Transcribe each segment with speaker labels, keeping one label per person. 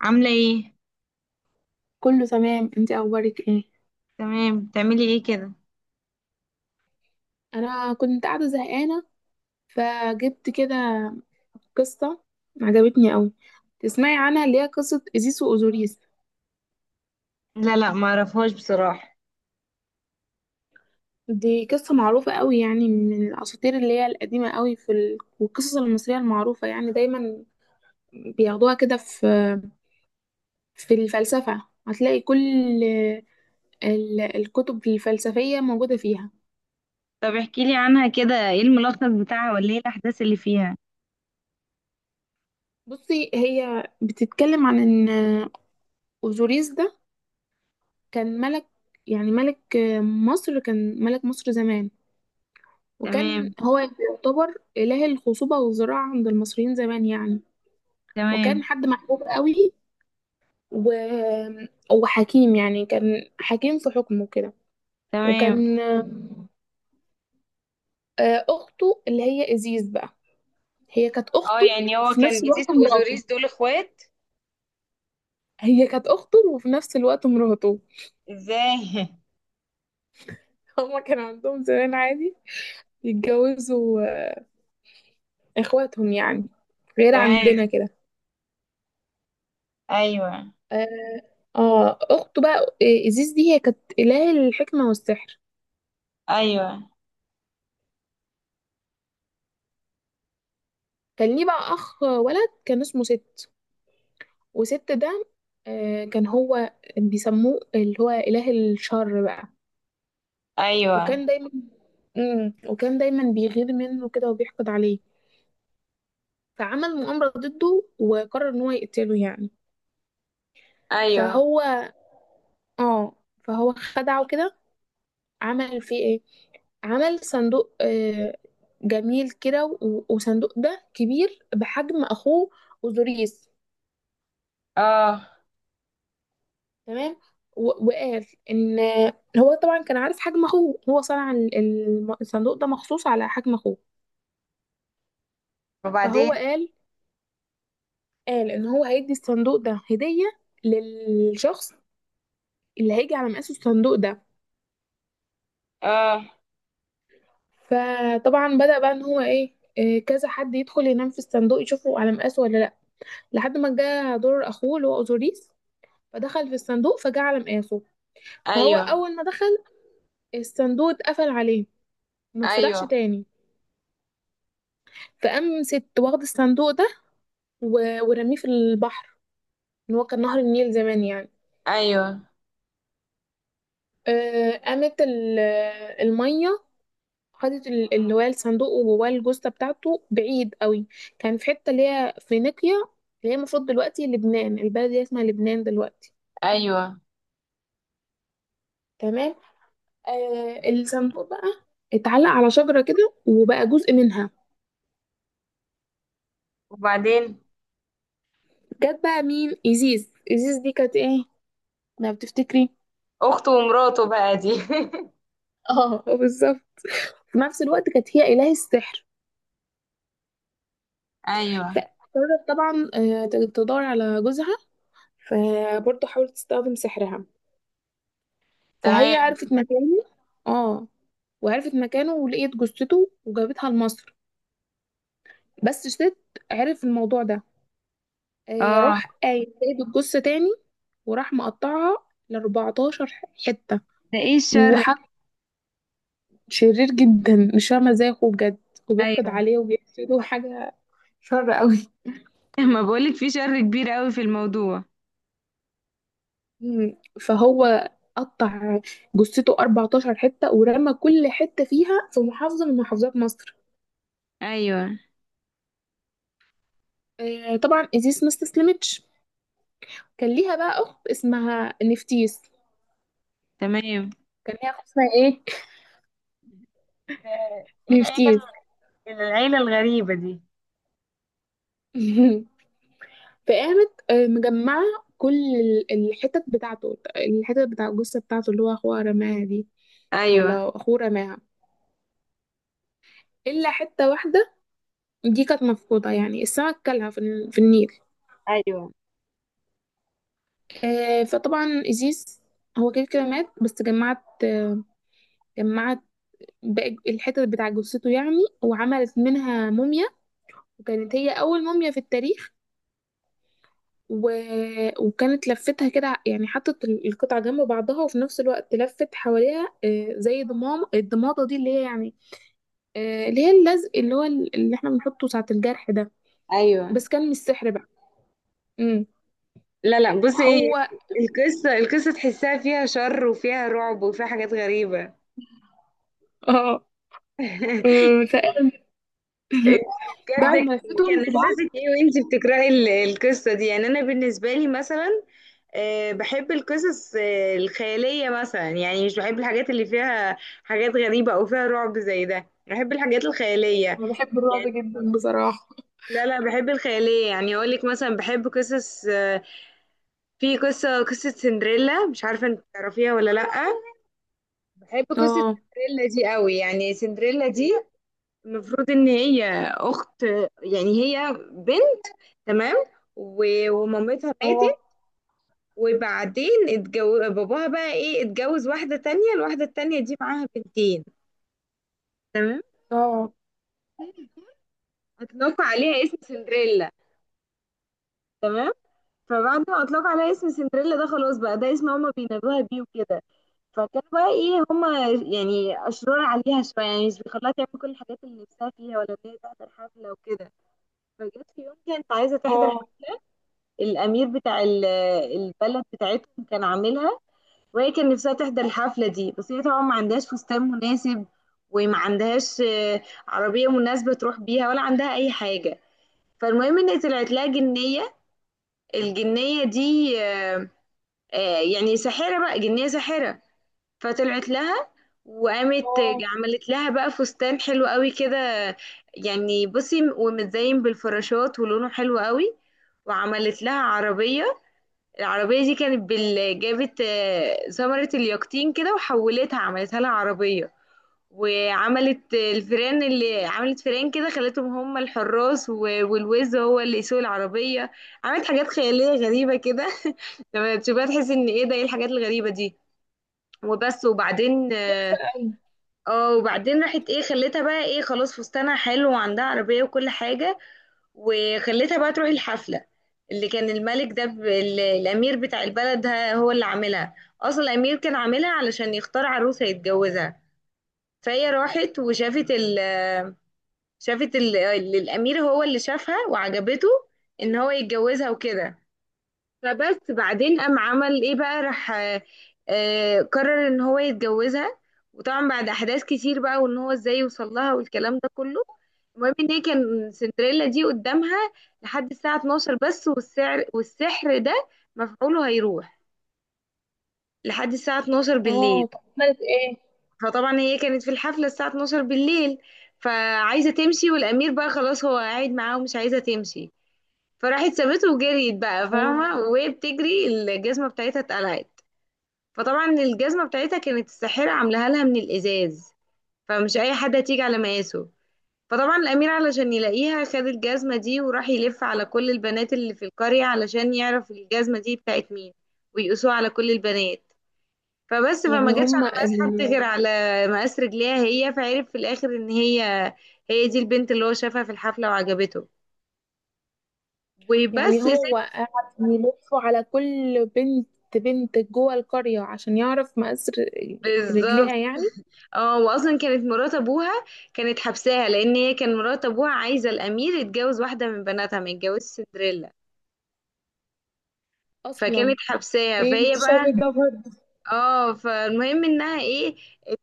Speaker 1: عاملة ايه؟
Speaker 2: كله تمام، انت اخبارك ايه؟
Speaker 1: تمام، بتعملي ايه كده؟
Speaker 2: انا كنت قاعده زهقانه، فجبت كده قصه عجبتني قوي. تسمعي عنها؟ اللي هي قصه ايزيس واوزوريس.
Speaker 1: لا لا، ما اعرفهاش بصراحة.
Speaker 2: دي قصه معروفه قوي يعني، من الاساطير اللي هي القديمه قوي والقصص المصريه المعروفه يعني. دايما بياخدوها كده في الفلسفه، هتلاقي كل الكتب الفلسفيه موجوده فيها.
Speaker 1: طب احكي لي عنها كده، ايه الملخص بتاعها ولا ايه الاحداث اللي فيها؟
Speaker 2: بصي، هي بتتكلم عن ان اوزوريس ده كان ملك، يعني ملك مصر كان ملك مصر زمان. وكان
Speaker 1: تمام.
Speaker 2: هو يعتبر إله الخصوبة والزراعة عند المصريين زمان يعني. وكان
Speaker 1: تمام.
Speaker 2: حد محبوب قوي و... وحكيم، يعني كان حكيم في حكمه كده.
Speaker 1: تمام.
Speaker 2: وكان أخته اللي هي إزيز بقى، هي كانت
Speaker 1: اه،
Speaker 2: أخته
Speaker 1: يعني هو
Speaker 2: وفي
Speaker 1: كان
Speaker 2: نفس الوقت
Speaker 1: جيزيس
Speaker 2: مراته.
Speaker 1: واوزوريس دول اخوات؟
Speaker 2: هي كانت أخته وفي نفس الوقت مراته.
Speaker 1: ازاي؟
Speaker 2: هما كان عندهم زمان عادي يتجوزوا إخواتهم يعني، غير
Speaker 1: تمام.
Speaker 2: عندنا كده.
Speaker 1: ايوه.
Speaker 2: اه، اخته بقى، إيزيس دي هي كانت إله الحكمة والسحر.
Speaker 1: ايوه.
Speaker 2: كان ليه بقى اخ ولد، كان اسمه ست. وست ده كان هو بيسموه اللي هو إله الشر بقى.
Speaker 1: ايوه.
Speaker 2: وكان دايما مم. وكان دايما بيغير منه كده وبيحقد عليه. فعمل مؤامرة ضده وقرر ان هو يقتله يعني.
Speaker 1: ايوه.
Speaker 2: فهو اه فهو خدعه كده، عمل فيه ايه، عمل صندوق جميل كده. وصندوق ده كبير بحجم اخوه اوزوريس.
Speaker 1: اه.
Speaker 2: تمام. وقال ان هو طبعا كان عارف حجم اخوه، هو صنع الصندوق ده مخصوص على حجم اخوه. فهو
Speaker 1: وبعدين؟
Speaker 2: قال قال ان هو هيدي الصندوق ده هدية للشخص اللي هيجي على مقاس الصندوق ده.
Speaker 1: اه.
Speaker 2: فطبعا بدأ بقى ان هو ايه، كذا حد يدخل ينام في الصندوق يشوفه على مقاسه ولا لا، لحد ما جه دور اخوه اللي هو اوزوريس. فدخل في الصندوق فجعل مقاسه. فهو
Speaker 1: ايوه.
Speaker 2: أول ما دخل الصندوق اتقفل عليه وما اتفتحش
Speaker 1: ايوه.
Speaker 2: تاني. فقام ست واخد الصندوق ده ورميه في البحر، إن هو كان نهر النيل زمان يعني.
Speaker 1: ايوه.
Speaker 2: قامت المية خدت اللي هو الصندوق وجواه الجثة بتاعته بعيد قوي. كان في حتة اللي هي فينيقيا، اللي هي المفروض دلوقتي لبنان، البلد دي اسمها لبنان دلوقتي.
Speaker 1: ايوه.
Speaker 2: تمام. آه، الصندوق بقى اتعلق على شجرة كده وبقى جزء منها.
Speaker 1: وبعدين؟
Speaker 2: جت بقى مين؟ إيزيس. إيزيس دي كانت ايه لو بتفتكري؟
Speaker 1: اخته ومراته بقى دي؟
Speaker 2: اه بالظبط، في نفس الوقت كانت هي إله السحر.
Speaker 1: ايوه.
Speaker 2: فقررت طبعا تدور على جوزها. فبرضه حاولت تستخدم سحرها، فهي
Speaker 1: تمام.
Speaker 2: عرفت مكانه. اه، وعرفت مكانه ولقيت جثته وجابتها لمصر. بس ست عرف الموضوع ده،
Speaker 1: اه.
Speaker 2: راح قايم جايب الجثة تاني وراح مقطعها ل 14 حتة.
Speaker 1: ده ايه الشر ده؟
Speaker 2: وح... شرير جدا، مش فاهمة ازاي اخوه بجد وبيحقد
Speaker 1: ايوه.
Speaker 2: عليه وبيحسده. حاجة شر قوي.
Speaker 1: ما بقولك في شر كبير قوي في الموضوع.
Speaker 2: فهو قطع جثته 14 حتة ورمى كل حتة فيها في محافظة من محافظات مصر.
Speaker 1: ايوه.
Speaker 2: آه، طبعا إيزيس ما استسلمتش. كان ليها بقى أخت اسمها نفتيس.
Speaker 1: تمام.
Speaker 2: كان ليها أخت اسمها إيه؟
Speaker 1: ف- ايه
Speaker 2: نفتيس.
Speaker 1: العيلة الغريبة دي؟
Speaker 2: فقامت مجمعة كل الحتت بتاع الجثة بتاعته اللي هو أخوها رماها دي،
Speaker 1: ايوه.
Speaker 2: ولا أخوه رماها، إلا حتة واحدة. دي كانت مفقودة، يعني السمك كلها في النيل.
Speaker 1: ايوه.
Speaker 2: آه، فطبعا إيزيس هو كده كده مات، بس جمعت باقي الحتت بتاع جثته يعني. وعملت منها موميا، وكانت هي أول موميا في التاريخ. و... وكانت لفتها كده، يعني حطت القطع جنب بعضها، وفي نفس الوقت لفت حواليها آه زي ضمام الضماطة دي اللي هي يعني، آه اللي هي اللزق اللي هو اللي احنا بنحطه ساعة الجرح ده.
Speaker 1: ايوه.
Speaker 2: بس كان مش سحر بقى. امم
Speaker 1: لا لا، بصي ايه،
Speaker 2: هو
Speaker 1: القصه تحسها فيها شر وفيها رعب وفيها حاجات غريبه.
Speaker 2: اه آه، فقال
Speaker 1: إيه،
Speaker 2: بعد
Speaker 1: بجد؟
Speaker 2: ما
Speaker 1: كان
Speaker 2: لفتهم في بعض،
Speaker 1: احساسك ايه وانتي بتقراي القصه دي؟ يعني انا بالنسبه لي مثلا بحب القصص الخياليه مثلا، يعني مش بحب الحاجات اللي فيها حاجات غريبه او فيها رعب زي ده، بحب الحاجات الخياليه
Speaker 2: انا بحب الرعب
Speaker 1: يعني.
Speaker 2: جدا بصراحه.
Speaker 1: لا لا، بحب الخياليه، يعني اقول لك مثلا بحب قصص، في قصه سندريلا، مش عارفه انت تعرفيها ولا لا. بحب قصه
Speaker 2: اه.
Speaker 1: سندريلا دي قوي. يعني سندريلا دي المفروض ان هي اخت، يعني هي بنت، تمام، ومامتها
Speaker 2: اه.
Speaker 1: ماتت، وبعدين اتجوز باباها بقى ايه، اتجوز واحدة تانية، الواحدة التانية دي معاها بنتين. تمام.
Speaker 2: اه.
Speaker 1: اطلقوا عليها اسم سندريلا. تمام. فبعد ما اطلقوا عليها اسم سندريلا ده خلاص بقى ده اسم هما بينادوها بيه وكده، فكانوا بقى ايه، هما يعني اشرار عليها شويه، يعني مش بيخلوها تعمل كل الحاجات اللي نفسها فيها، ولا ان هي تحضر حفله وكده. فجت في يوم كانت عايزه تحضر
Speaker 2: اه.
Speaker 1: الامير بتاع البلد بتاعتهم كان عاملها، وهي كان نفسها تحضر الحفلة دي، بس هي طبعا ما عندهاش فستان مناسب، وما عندهاش عربية مناسبة تروح بيها، ولا عندها أي حاجة. فالمهم إن طلعت لها جنية. الجنية دي يعني ساحرة بقى، جنية ساحرة. فطلعت لها وقامت
Speaker 2: اه.
Speaker 1: عملت لها بقى فستان حلو قوي كده، يعني بصي، ومتزين بالفراشات ولونه حلو قوي. وعملت لها عربية. العربية دي كانت جابت ثمرة اليقطين كده وحولتها، عملتها لها عربية. وعملت الفيران، اللي عملت فيران كده خلتهم هم الحراس، والوز هو اللي يسوق العربية. عملت حاجات خيالية غريبة كده. لما تشوفها تحس ان ايه ده، ايه الحاجات الغريبة دي. وبس. وبعدين
Speaker 2: تحفه
Speaker 1: اه،
Speaker 2: قوي.
Speaker 1: وبعدين راحت ايه، خلتها بقى ايه، خلاص فستانها حلو وعندها عربية وكل حاجة، وخليتها بقى تروح الحفلة، اللي كان الملك ده الأمير بتاع البلد هو اللي عاملها. أصلا الأمير كان عاملها علشان يختار عروس هيتجوزها. فهي راحت وشافت ال... شافت ال... ال- الأمير هو اللي شافها وعجبته، إن هو يتجوزها وكده. فبس بعدين قام عمل ايه بقى، راح قرر ان هو يتجوزها. وطبعا بعد احداث كتير بقى، وان هو ازاي يوصل لها، والكلام ده كله. المهم ان هي كان سندريلا دي قدامها لحد الساعة 12 بس، والسعر والسحر ده مفعوله هيروح لحد الساعة 12 بالليل.
Speaker 2: اه، طب عملت ايه؟
Speaker 1: فطبعا هي كانت في الحفلة الساعة 12 بالليل، فعايزة تمشي، والأمير بقى خلاص هو قاعد معاها ومش عايزة تمشي. فراحت سابته وجريت بقى
Speaker 2: اه،
Speaker 1: فاهمة، وهي بتجري الجزمة بتاعتها اتقلعت. فطبعا الجزمة بتاعتها كانت الساحرة عاملاها لها من الإزاز، فمش أي حد هتيجي على مقاسه. فطبعا الأمير علشان يلاقيها خد الجزمة دي وراح يلف على كل البنات اللي في القرية، علشان يعرف الجزمة دي بتاعت مين، ويقيسوها على كل البنات. فبس، فما
Speaker 2: يعني
Speaker 1: جاتش على
Speaker 2: هما
Speaker 1: مقاس
Speaker 2: ال...
Speaker 1: حد غير على مقاس رجليها هي. فعرف في الآخر إن هي، هي دي البنت اللي هو شافها في الحفلة وعجبته.
Speaker 2: يعني
Speaker 1: وبس يا ستي.
Speaker 2: هو قعد يلف على كل بنت، بنت جوه القرية عشان يعرف مقاس
Speaker 1: بالظبط.
Speaker 2: رجليها يعني.
Speaker 1: اه، واصلا كانت مرات ابوها كانت حبساها، لان هي كان مرات ابوها عايزه الامير يتجوز واحده من بناتها، ما يتجوزش سندريلا. فكانت
Speaker 2: أصلا،
Speaker 1: حبساها،
Speaker 2: ايه
Speaker 1: فهي
Speaker 2: الشر
Speaker 1: بقى،
Speaker 2: ده برضه؟
Speaker 1: اه. فالمهم انها ايه، ات...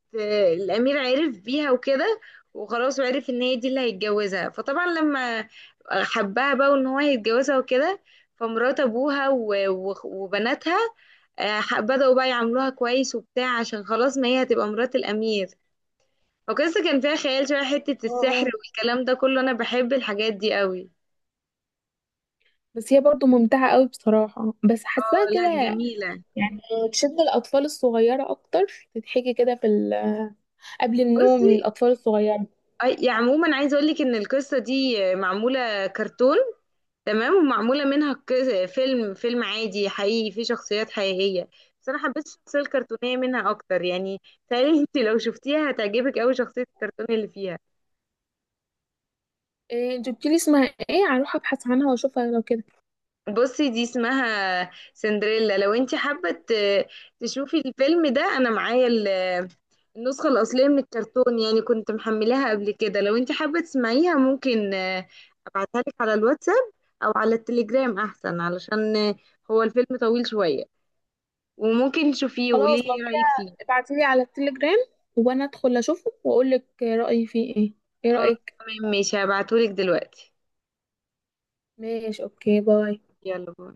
Speaker 1: الامير عرف بيها وكده، وخلاص، وعرف ان هي دي اللي هيتجوزها. فطبعا لما حبها بقى، وان هو هيتجوزها وكده، فمرات ابوها وبناتها بدأوا بقى يعاملوها كويس وبتاع، عشان خلاص ما هي هتبقى مرات الامير. وقصة كان فيها خيال شوية، حتة السحر
Speaker 2: اه،
Speaker 1: والكلام ده كله، أنا بحب الحاجات دي قوي.
Speaker 2: بس هي برضو ممتعة قوي بصراحة، بس
Speaker 1: اه.
Speaker 2: حاساها
Speaker 1: لا
Speaker 2: كده
Speaker 1: جميلة.
Speaker 2: يعني تشد الأطفال الصغيرة أكتر، تتحكي كده في قبل النوم
Speaker 1: بصي،
Speaker 2: للأطفال الصغيرة.
Speaker 1: يعني عموما عايزة أقولك إن القصة دي معمولة كرتون، تمام، ومعمولة منها فيلم، فيلم عادي حقيقي فيه شخصيات حقيقية، بس أنا حبيت الشخصية الكرتونية منها أكتر يعني. تهيألي أنت لو شفتيها هتعجبك أوي شخصية الكرتون اللي فيها.
Speaker 2: إيه جبت لي اسمها؟ ايه، هروح ابحث عنها واشوفها لو كده.
Speaker 1: بصي دي اسمها سندريلا، لو انت حابة تشوفي الفيلم ده، انا معايا النسخة الأصلية من الكرتون، يعني كنت محملاها قبل كده، لو انت حابة تسمعيها ممكن ابعتها لك على الواتساب، او على التليجرام احسن، علشان هو الفيلم طويل شوية، وممكن تشوفيه وقولي
Speaker 2: خلاص،
Speaker 1: لي
Speaker 2: لو
Speaker 1: ايه رأيك
Speaker 2: كده
Speaker 1: فيه.
Speaker 2: ابعتي لي على التليجرام، وانا ادخل اشوفه واقول لك رأيي فيه ايه. ايه
Speaker 1: خلاص.
Speaker 2: رأيك؟
Speaker 1: تمام، ماشي، هبعتهولك دلوقتي.
Speaker 2: ماشي، اوكي، باي.
Speaker 1: يلا باي.